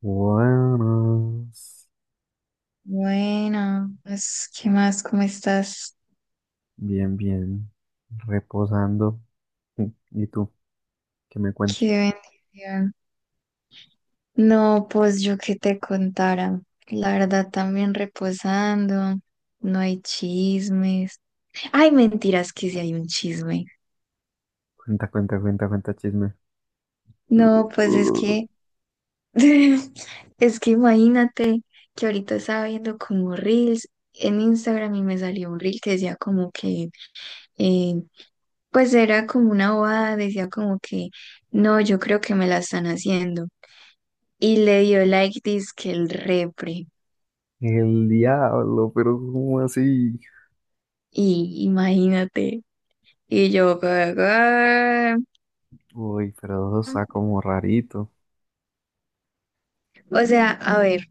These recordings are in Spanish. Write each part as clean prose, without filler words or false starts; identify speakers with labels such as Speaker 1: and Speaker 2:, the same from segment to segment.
Speaker 1: Buenas.
Speaker 2: Bueno, pues, ¿qué más? ¿Cómo estás?
Speaker 1: Bien, bien. Reposando. ¿Y tú? ¿Qué me cuentas?
Speaker 2: Qué bendición. No, pues yo que te contara. La verdad, también reposando. No hay chismes. Ay, mentiras, que si hay un chisme.
Speaker 1: Cuenta, cuenta, cuenta, cuenta chisme.
Speaker 2: No, pues es
Speaker 1: Uh,
Speaker 2: que, es que imagínate que ahorita estaba viendo como reels en Instagram y me salió un reel que decía como que, eh, pues era como una bobada, decía como que, no, yo creo que me la están haciendo. Y le dio like que el repre.
Speaker 1: El diablo, pero ¿cómo así?
Speaker 2: Y imagínate. Y yo, "Ah".
Speaker 1: Uy, pero eso está como rarito.
Speaker 2: O sea, a ver,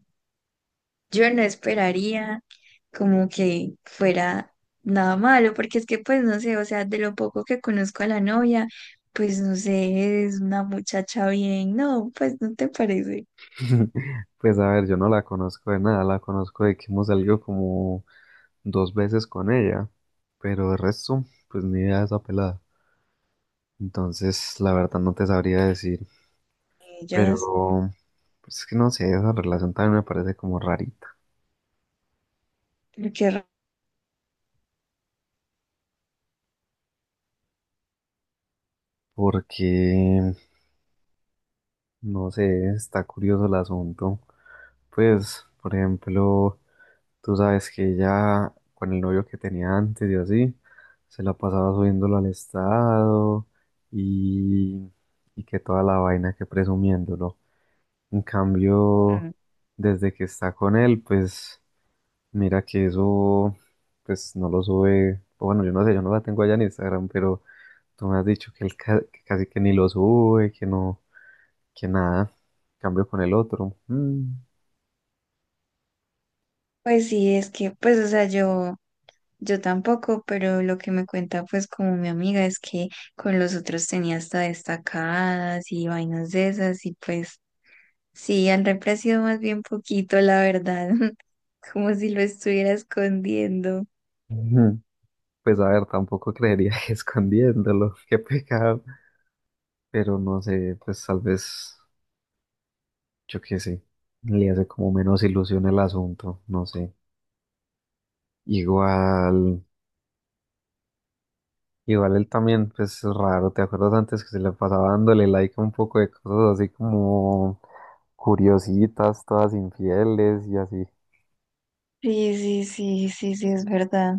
Speaker 2: yo no esperaría como que fuera nada malo, porque es que pues no sé, o sea, de lo poco que conozco a la novia, pues no sé, es una muchacha bien, no, pues no te parece.
Speaker 1: Pues a ver, yo no la conozco de nada, la conozco de que hemos salido como dos veces con ella, pero de resto, pues ni idea de esa pelada. Entonces, la verdad no te sabría decir,
Speaker 2: Ellas,
Speaker 1: pero pues es que no sé, esa relación también me parece como rarita.
Speaker 2: lo que raro.
Speaker 1: Porque no sé, está curioso el asunto. Pues, por ejemplo, tú sabes que ella, con el novio que tenía antes y así, se la pasaba subiéndolo al estado y, y que toda la vaina que presumiéndolo. En cambio, desde que está con él, pues mira que eso, pues no lo sube. O bueno, yo no sé, yo no la tengo allá en Instagram, pero tú me has dicho que que casi que ni lo sube, que no, que nada, cambio con el otro. Mm,
Speaker 2: Pues sí, es que, pues, o sea, yo. Yo tampoco, pero lo que me cuenta pues como mi amiga es que con los otros tenía hasta destacadas y vainas de esas y pues sí, han reemplazado más bien poquito, la verdad, como si lo estuviera escondiendo.
Speaker 1: ujú. Pues a ver, tampoco creería que escondiéndolo, qué pecado. Pero no sé, pues tal vez, yo qué sé, le hace como menos ilusión el asunto, no sé. Igual, igual él también, pues es raro, ¿te acuerdas antes que se le pasaba dándole like a un poco de cosas así como curiositas, todas infieles y así?
Speaker 2: Sí, sí, sí, sí, sí, es verdad.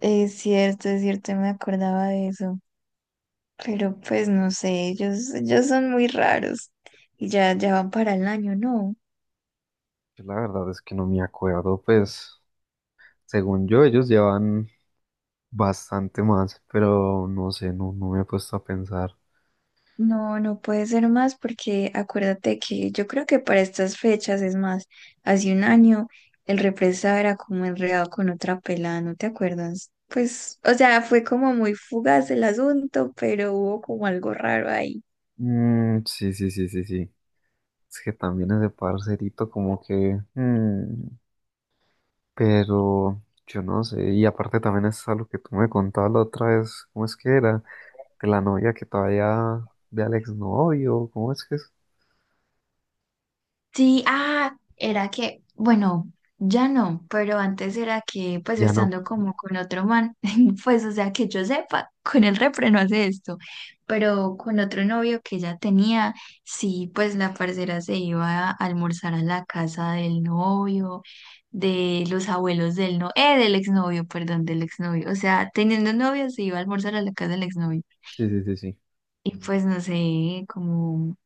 Speaker 2: Es cierto, me acordaba de eso, pero pues no sé, ellos son muy raros y ya, ya van para el año, ¿no?
Speaker 1: Yo la verdad es que no me acuerdo, pues según yo ellos llevan bastante más, pero no sé, no, no me he puesto a pensar.
Speaker 2: No, no puede ser más porque acuérdate que yo creo que para estas fechas, es más, hace un año el represado era como enredado con otra pelada, ¿no te acuerdas? Pues, o sea, fue como muy fugaz el asunto, pero hubo como algo raro ahí.
Speaker 1: Mm, sí, sí, sí, sí, sí. Es que también ese parcerito como que... pero yo no sé. Y aparte también es algo que tú me contabas la otra vez. ¿Cómo es que era? De la novia que todavía... De Alex novio. ¿Cómo es que es?
Speaker 2: Sí, ah, era que, bueno, ya no, pero antes era que, pues
Speaker 1: Ya no.
Speaker 2: estando como con otro man, pues o sea, que yo sepa, con el repre no hace esto, pero con otro novio que ella tenía, sí, pues la parcera se iba a almorzar a la casa del novio, de los abuelos del no, del exnovio, perdón, del exnovio, o sea, teniendo novio se iba a almorzar a la casa del exnovio,
Speaker 1: Sí, sí, sí, sí.
Speaker 2: y pues no sé, como,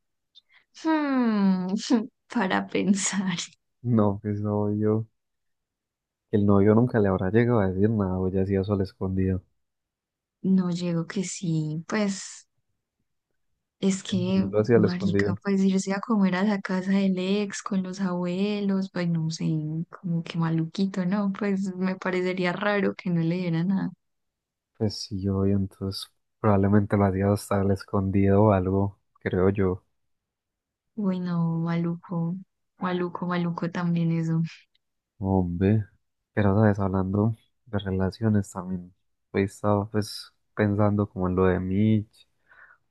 Speaker 2: hmm, para pensar.
Speaker 1: No, que es novio. El novio nunca le habrá llegado a decir nada o ya hacía eso al escondido.
Speaker 2: No, llego que sí, pues es
Speaker 1: Él
Speaker 2: que,
Speaker 1: lo hacía al
Speaker 2: marica,
Speaker 1: escondido.
Speaker 2: pues irse a comer a la casa del ex con los abuelos, pues no sé, como que maluquito, ¿no? Pues me parecería raro que no le diera nada.
Speaker 1: Pues sí, obvio, entonces probablemente lo hacía hasta el escondido o algo, creo yo.
Speaker 2: Bueno, maluco, maluco, maluco también eso.
Speaker 1: Hombre, pero, ¿sabes? Hablando de relaciones también, he estado pues pensando como en lo de Mitch,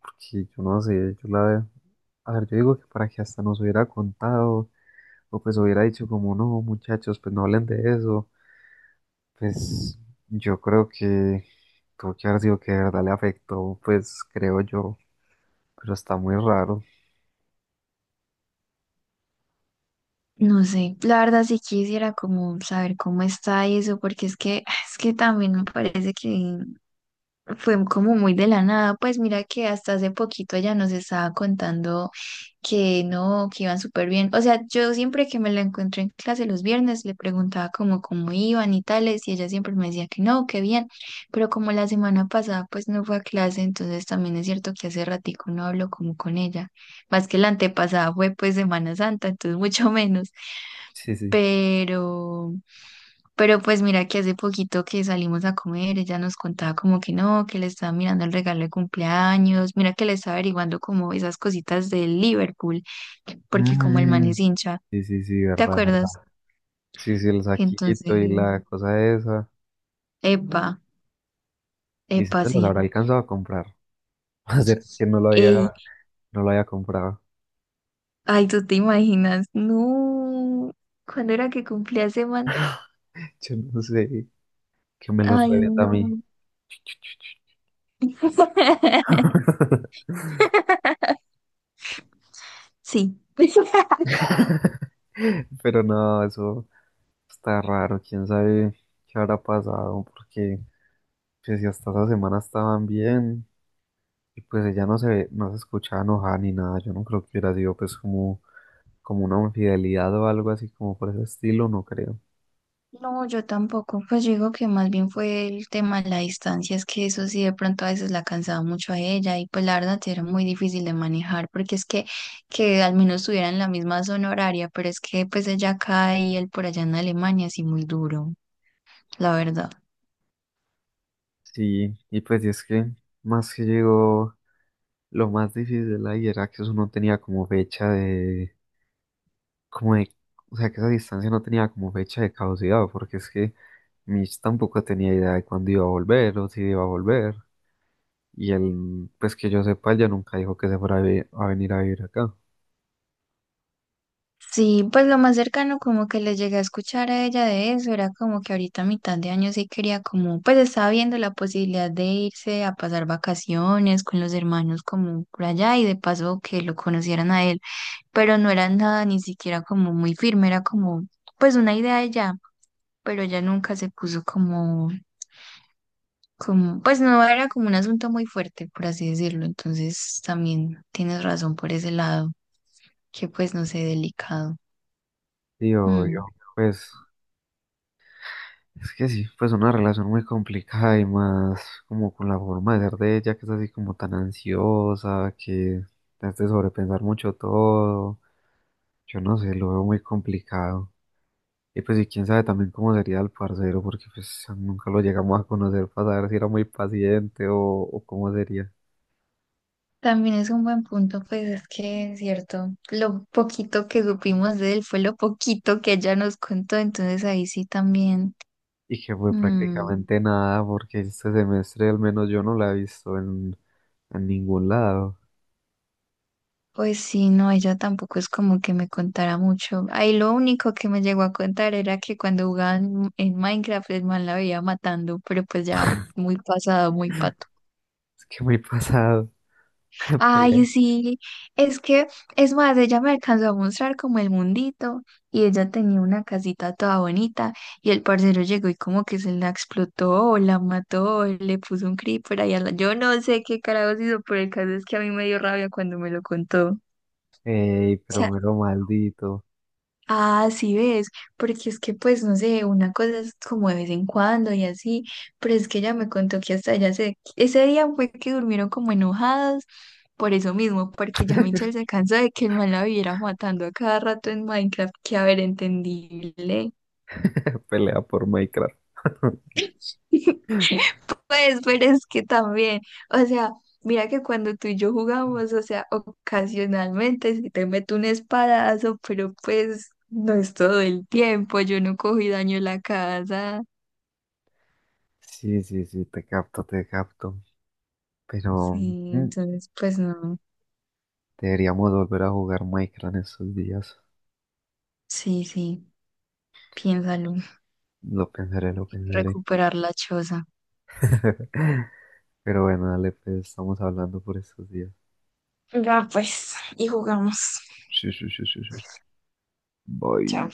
Speaker 1: porque yo no sé, yo la... veo. A ver, yo digo que para que hasta nos hubiera contado, o pues hubiera dicho como, no, muchachos, pues no hablen de eso, pues yo creo que tuvo que haber sido que de verdad le afectó, pues creo yo, pero está muy raro.
Speaker 2: No sé, la verdad sí quisiera como saber cómo está eso, porque es que, es que también me parece que fue como muy de la nada, pues mira que hasta hace poquito ella nos estaba contando que no, que iban súper bien. O sea, yo siempre que me la encuentro en clase los viernes le preguntaba como cómo iban y tales, y ella siempre me decía que no, que bien, pero como la semana pasada pues no fue a clase, entonces también es cierto que hace ratico no hablo como con ella, más que la antepasada fue pues Semana Santa, entonces mucho menos,
Speaker 1: Sí, sí.
Speaker 2: pero... Pero pues mira que hace poquito que salimos a comer, ella nos contaba como que no, que le estaba mirando el regalo de cumpleaños, mira que le estaba averiguando como esas cositas de Liverpool, porque como el man
Speaker 1: Mm,
Speaker 2: es hincha,
Speaker 1: sí, sí, sí,
Speaker 2: ¿te
Speaker 1: verdad, verdad.
Speaker 2: acuerdas?
Speaker 1: Sí, sí, el
Speaker 2: Entonces,
Speaker 1: saquito y la cosa esa.
Speaker 2: epa,
Speaker 1: Y si
Speaker 2: epa,
Speaker 1: se los
Speaker 2: sí.
Speaker 1: habrá alcanzado a comprar. Va a ser que no lo
Speaker 2: Ey,
Speaker 1: había, no lo haya comprado.
Speaker 2: ay, tú te imaginas, no, ¿cuándo era que cumplía ese man?
Speaker 1: Yo no sé, que me los
Speaker 2: Ay,
Speaker 1: revienta a mí.
Speaker 2: no. Sí.
Speaker 1: Pero no, eso está raro. Quién sabe qué habrá pasado. Porque pues, si hasta esa semana estaban bien. Y pues ella no se ve, no se escuchaba enojada ni nada. Yo no creo que hubiera sido pues como, como una infidelidad o algo así como por ese estilo, no creo.
Speaker 2: No, yo tampoco. Pues yo digo que más bien fue el tema de la distancia, es que eso sí de pronto a veces la cansaba mucho a ella y pues la verdad sí era muy difícil de manejar porque es que al menos estuviera en la misma zona horaria, pero es que pues ella acá y él por allá en Alemania, así muy duro, la verdad.
Speaker 1: Sí, y pues y es que más que llegó, lo más difícil ahí era que eso no tenía como fecha de, como de, o sea, que esa distancia no tenía como fecha de caducidad, porque es que Mitch tampoco tenía idea de cuándo iba a volver o si iba a volver, y él, pues que yo sepa, él ya nunca dijo que se fuera a a venir a vivir acá.
Speaker 2: Sí, pues lo más cercano como que le llegué a escuchar a ella de eso era como que ahorita a mitad de año sí quería como, pues estaba viendo la posibilidad de irse a pasar vacaciones con los hermanos como por allá y de paso que lo conocieran a él, pero no era nada ni siquiera como muy firme, era como pues una idea de ella, pero ella nunca se puso como, como, pues no era como un asunto muy fuerte, por así decirlo, entonces también tienes razón por ese lado, que pues no sé, delicado.
Speaker 1: Y yo,
Speaker 2: Mm.
Speaker 1: pues es que sí, pues una relación muy complicada y más como con la forma de ser de ella, que es así como tan ansiosa, que te hace sobrepensar mucho todo. Yo no sé, lo veo muy complicado. Y pues y quién sabe también cómo sería el parcero, porque pues nunca lo llegamos a conocer para saber si era muy paciente o cómo sería.
Speaker 2: También es un buen punto, pues es que es cierto, lo poquito que supimos de él fue lo poquito que ella nos contó, entonces ahí sí también.
Speaker 1: Y que fue
Speaker 2: Mm.
Speaker 1: prácticamente nada, porque este semestre al menos yo no la he visto en ningún lado.
Speaker 2: Pues sí, no, ella tampoco es como que me contara mucho. Ahí lo único que me llegó a contar era que cuando jugaban en Minecraft el man la veía matando, pero pues ya muy pasado, muy pato.
Speaker 1: Es que muy pasado.
Speaker 2: Ay,
Speaker 1: Pelea.
Speaker 2: sí, es que, es más, ella me alcanzó a mostrar como el mundito y ella tenía una casita toda bonita y el parcero llegó y como que se la explotó, o la mató, o le puso un creeper ahí a la... Yo no sé qué carajos hizo, pero el caso es que a mí me dio rabia cuando me lo contó.
Speaker 1: Ey, pero mero maldito.
Speaker 2: Ah, sí ves, porque es que pues no sé, una cosa es como de vez en cuando y así, pero es que ella me contó que hasta allá se, ese día fue que durmieron como enojados por eso mismo, porque ya Michelle se cansó de que el man la viviera matando a cada rato en Minecraft, que a ver, entendible.
Speaker 1: Pelea por Minecraft.
Speaker 2: Pues, pero es que también, o sea, mira que cuando tú y yo jugamos, o sea, ocasionalmente si te meto un espadazo, pero pues no es todo el tiempo, yo no cogí daño en la casa.
Speaker 1: Sí, sí, sí, te capto, te capto. Pero
Speaker 2: Sí, entonces pues no.
Speaker 1: deberíamos volver a jugar Minecraft en estos días.
Speaker 2: Sí, sí, piénsalo. Hay
Speaker 1: Lo pensaré, lo
Speaker 2: que
Speaker 1: pensaré.
Speaker 2: recuperar la choza.
Speaker 1: Pero bueno, dale, pues estamos hablando por estos días. Sí, sí, sí, sí, sí. Bye.